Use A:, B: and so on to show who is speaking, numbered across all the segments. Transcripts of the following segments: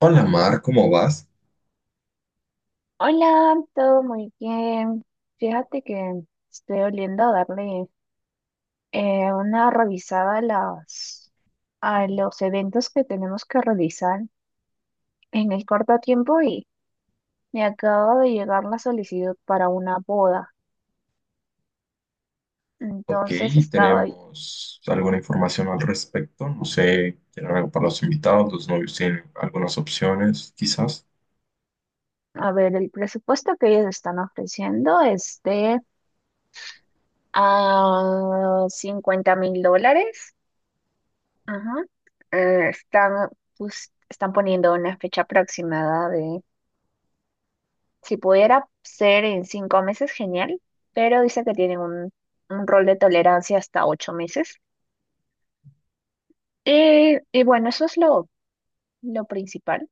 A: Hola Mar, ¿cómo vas?
B: Hola, todo muy bien. Fíjate que estoy oliendo a darle una revisada a los eventos que tenemos que realizar en el corto tiempo y me acaba de llegar la solicitud para una boda.
A: Ok,
B: Entonces estaba
A: ¿tenemos alguna información al respecto? No sé, ¿tienen algo para los invitados? ¿Los novios tienen algunas opciones, quizás?
B: a ver, el presupuesto que ellos están ofreciendo es de a $50,000. Ajá. Están, pues, están poniendo una fecha aproximada de. Si pudiera ser en 5 meses, genial, pero dice que tienen un rol de tolerancia hasta 8 meses. Y bueno, eso es lo principal,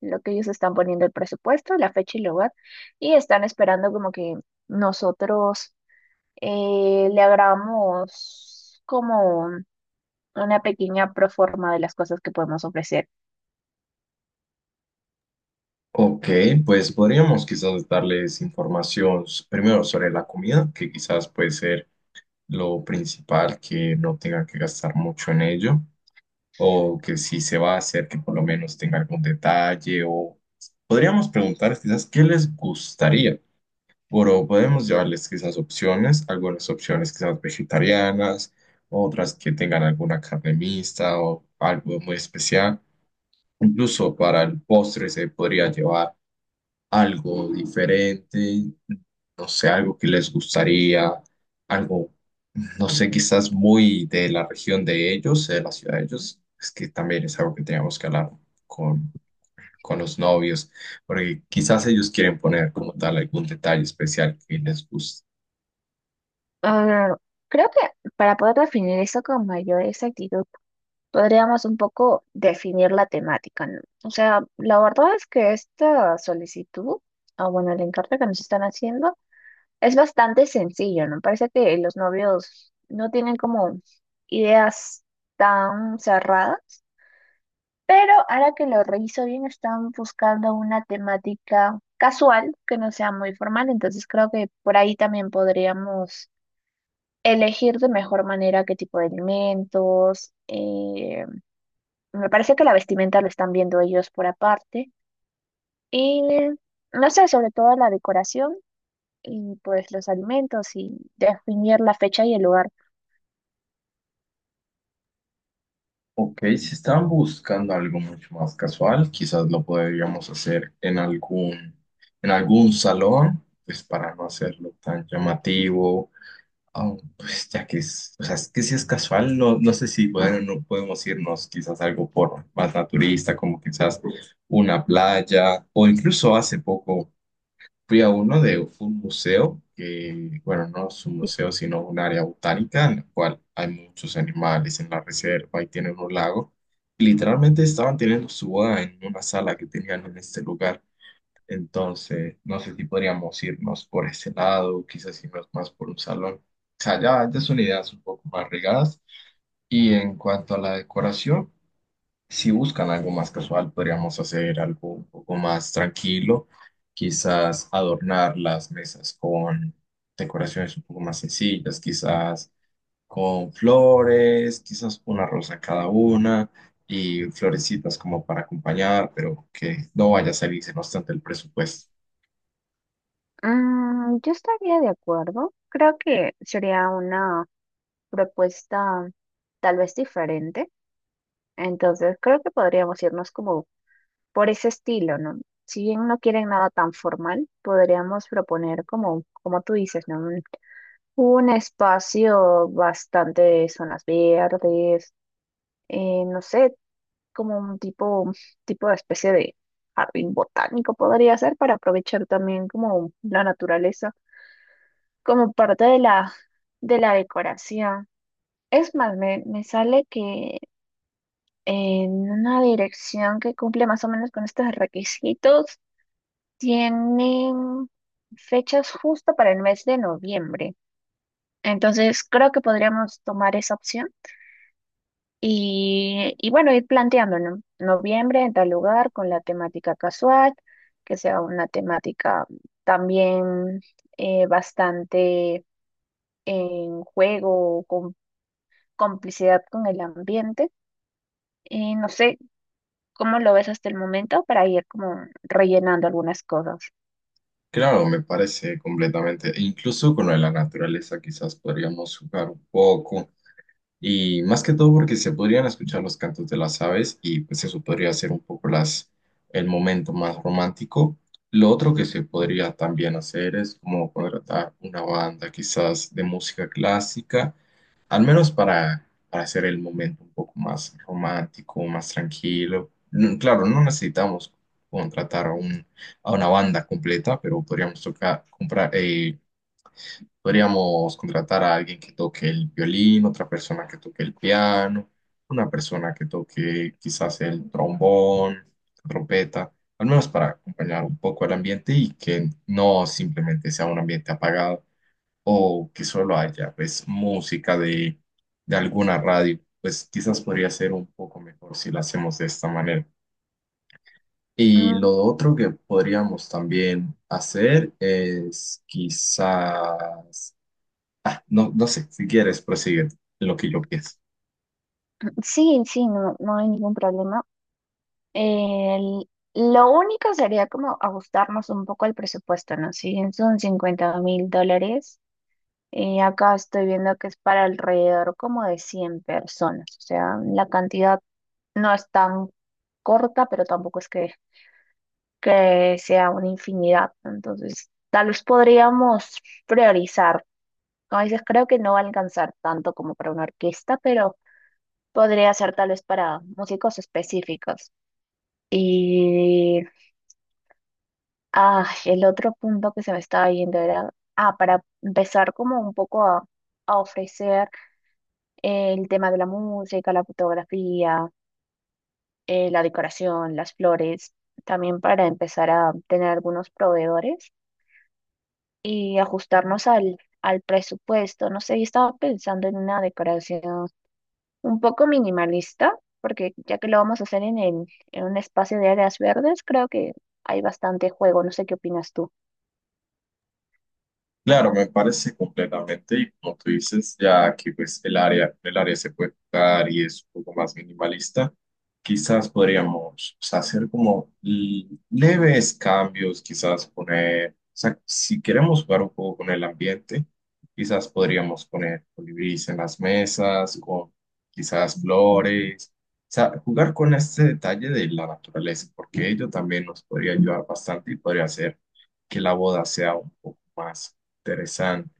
B: lo que ellos están poniendo: el presupuesto, la fecha y lugar, y están esperando como que nosotros le hagamos como una pequeña proforma de las cosas que podemos ofrecer.
A: Ok, pues podríamos quizás darles información primero sobre la comida, que quizás puede ser lo principal, que no tengan que gastar mucho en ello, o que si se va a hacer, que por lo menos tenga algún detalle, o podríamos preguntar quizás qué les gustaría. Pero podemos llevarles quizás opciones, algunas opciones quizás vegetarianas, otras que tengan alguna carne mixta o algo muy especial. Incluso para el postre se podría llevar algo diferente, no sé, algo que les gustaría, algo, no sé, quizás muy de la región de ellos, de la ciudad de ellos. Es que también es algo que teníamos que hablar con, con los novios, porque quizás ellos quieren poner como tal algún detalle especial que les guste.
B: Ah, creo que para poder definir eso con mayor exactitud, podríamos un poco definir la temática, ¿no? O sea, la verdad es que esta solicitud, o bueno, el encargo que nos están haciendo, es bastante sencillo, ¿no? Parece que los novios no tienen como ideas tan cerradas, pero ahora que lo reviso bien, están buscando una temática casual que no sea muy formal, entonces creo que por ahí también podríamos elegir de mejor manera qué tipo de alimentos. Me parece que la vestimenta lo están viendo ellos por aparte. Y no sé, sobre todo la decoración y pues los alimentos, y definir la fecha y el lugar.
A: Ok, si estaban buscando algo mucho más casual, quizás lo podríamos hacer en algún salón, pues para no hacerlo tan llamativo. Ah, pues ya que es, o sea, es que si es casual, no, no sé si bueno, no podemos irnos quizás algo por más naturista, como quizás una playa, o incluso hace poco. Fui a uno de fue un museo, que, bueno, no es un museo, sino un área botánica en la cual hay muchos animales en la reserva y tienen un lago. Y literalmente estaban teniendo su boda en una sala que tenían en este lugar. Entonces, no sé si podríamos irnos por ese lado, quizás irnos más por un salón. O sea, ya, ya son ideas un poco más regadas. Y en cuanto a la decoración, si buscan algo más casual, podríamos hacer algo un poco más tranquilo, quizás adornar las mesas con decoraciones un poco más sencillas, quizás con flores, quizás una rosa cada una y florecitas como para acompañar, pero que no vaya a salirse no obstante el presupuesto.
B: Mm, yo estaría de acuerdo. Creo que sería una propuesta tal vez diferente. Entonces, creo que podríamos irnos como por ese estilo, ¿no? Si bien no quieren nada tan formal, podríamos proponer como, como tú dices, ¿no? Un espacio bastante de zonas verdes, no sé, como un tipo, tipo de especie de jardín botánico podría ser, para aprovechar también como la naturaleza, como parte de la decoración. Es más, me sale que en una dirección que cumple más o menos con estos requisitos, tienen fechas justo para el mes de noviembre. Entonces, creo que podríamos tomar esa opción. Y bueno, ir planteando, ¿no? Noviembre en tal lugar con la temática casual, que sea una temática también bastante en juego, con complicidad con el ambiente. Y no sé cómo lo ves hasta el momento, para ir como rellenando algunas cosas.
A: Claro, me parece completamente, e incluso con lo de la naturaleza, quizás podríamos jugar un poco. Y más que todo porque se podrían escuchar los cantos de las aves y pues eso podría ser un poco las, el momento más romántico. Lo otro que se podría también hacer es como contratar una banda quizás de música clásica, al menos para hacer el momento un poco más romántico, más tranquilo. Mm, claro, no necesitamos contratar a, un, a una banda completa, pero podríamos tocar, comprar, podríamos contratar a alguien que toque el violín, otra persona que toque el piano, una persona que toque quizás el trombón, trompeta, al menos para acompañar un poco el ambiente y que no simplemente sea un ambiente apagado o que solo haya pues música de alguna radio. Pues quizás podría ser un poco mejor si lo hacemos de esta manera. Y
B: Mm,
A: lo otro que podríamos también hacer es quizás. Ah, no, no sé, si quieres, prosigue en lo que yo pienso.
B: sí, sí, no, no hay ningún problema. El- lo único sería como ajustarnos un poco al presupuesto, ¿no? Si bien son $50,000. Acá estoy viendo que es para alrededor como de 100 personas, o sea, la cantidad no es tan corta, pero tampoco es que sea una infinidad. Entonces, tal vez podríamos priorizar. Como dices, creo que no va a alcanzar tanto como para una orquesta, pero podría ser tal vez para músicos específicos. Y el otro punto que se me estaba yendo era, para empezar como un poco a ofrecer. El tema de la música, la fotografía, la decoración, las flores, también para empezar a tener algunos proveedores y ajustarnos al presupuesto. No sé, yo estaba pensando en una decoración un poco minimalista, porque ya que lo vamos a hacer en un espacio de áreas verdes, creo que hay bastante juego. No sé qué opinas tú.
A: Claro, me parece completamente, y como tú dices, ya que pues el área se puede tocar y es un poco más minimalista, quizás podríamos o sea, hacer como leves cambios, quizás poner, o sea, si queremos jugar un poco con el ambiente, quizás podríamos poner colibríes en las mesas, con quizás flores, o sea, jugar con este detalle de la naturaleza, porque ello también nos podría ayudar bastante y podría hacer que la boda sea un poco más interesante.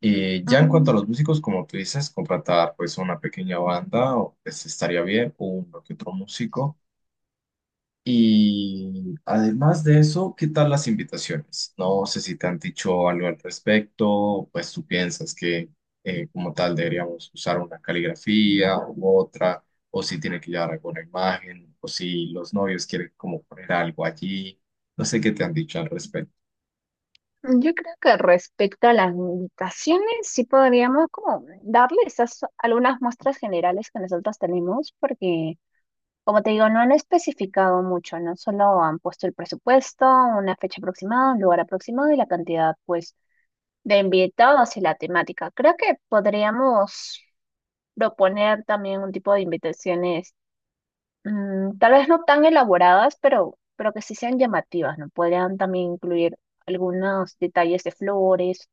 A: Y ya en cuanto a
B: Mm,
A: los músicos, como tú dices, contratar pues una pequeña banda o, pues, estaría bien, uno que otro músico. Y además de eso, ¿qué tal las invitaciones? No sé si te han dicho algo al respecto, pues tú piensas que como tal deberíamos usar una caligrafía u otra, o si tiene que llevar alguna imagen, o si los novios quieren como poner algo allí. No sé qué te han dicho al respecto.
B: yo creo que respecto a las invitaciones, sí podríamos como darle esas algunas muestras generales que nosotros tenemos, porque como te digo, no han especificado mucho, ¿no? Solo han puesto el presupuesto, una fecha aproximada, un lugar aproximado y la cantidad, pues, de invitados y la temática. Creo que podríamos proponer también un tipo de invitaciones, tal vez no tan elaboradas, pero que sí sean llamativas, ¿no? Podrían también incluir algunos detalles de flores.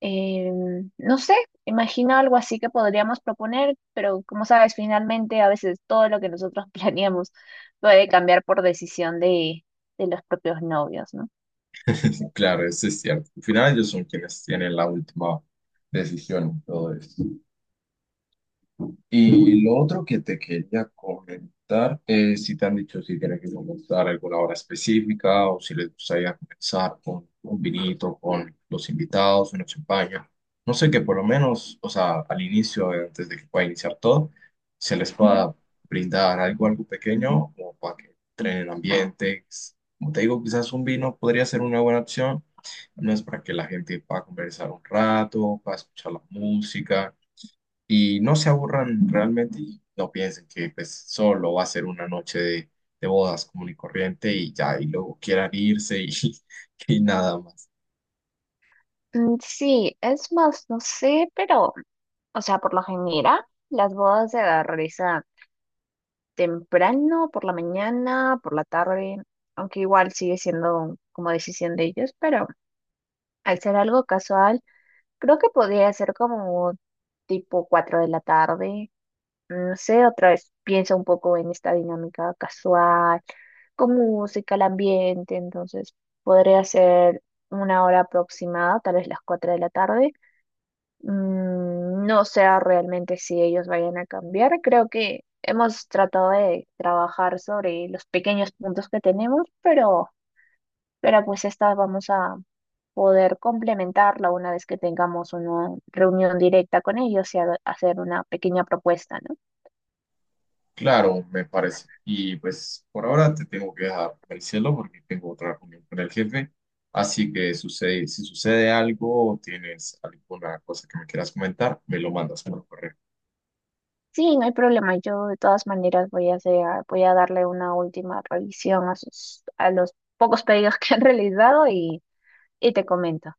B: No sé, imagino algo así que podríamos proponer, pero como sabes, finalmente a veces todo lo que nosotros planeamos puede cambiar por decisión de los propios novios, ¿no?
A: Claro, eso es cierto. Al final ellos son quienes tienen la última decisión en todo esto. Y lo otro que te quería comentar es si te han dicho si tienen que comenzar alguna hora específica o si les gustaría comenzar con un vinito, con los invitados, una champaña. No sé que por lo menos, o sea, al inicio, antes de que pueda iniciar todo, se les pueda brindar algo, algo pequeño o para que entren en ambiente. Como te digo, quizás un vino podría ser una buena opción, no es para que la gente pueda conversar un rato, pueda escuchar la música y no se aburran realmente y no piensen que pues solo va a ser una noche de bodas común y corriente y ya, y luego quieran irse y, y nada más.
B: Mm, sí, es más, no sé, pero, o sea, por lo general, las bodas se realizan temprano, por la mañana, por la tarde, aunque igual sigue siendo como decisión de ellos, pero al ser algo casual, creo que podría ser como tipo 4 de la tarde. No sé, otra vez piensa un poco en esta dinámica casual, con música, el ambiente, entonces podría ser una hora aproximada, tal vez las 4 de la tarde. Mm, no sé realmente si ellos vayan a cambiar, creo que hemos tratado de trabajar sobre los pequeños puntos que tenemos, pero pues esta vamos a poder complementarla una vez que tengamos una reunión directa con ellos y hacer una pequeña propuesta, ¿no?
A: Claro, me parece. Y pues por ahora te tengo que dejar, cielo porque tengo otra reunión con el jefe. Así que sucede, si sucede algo o tienes alguna cosa que me quieras comentar, me lo mandas por correo.
B: Sí, no hay problema. Yo de todas maneras voy a hacer, voy a darle una última revisión a a los pocos pedidos que han realizado y te comento.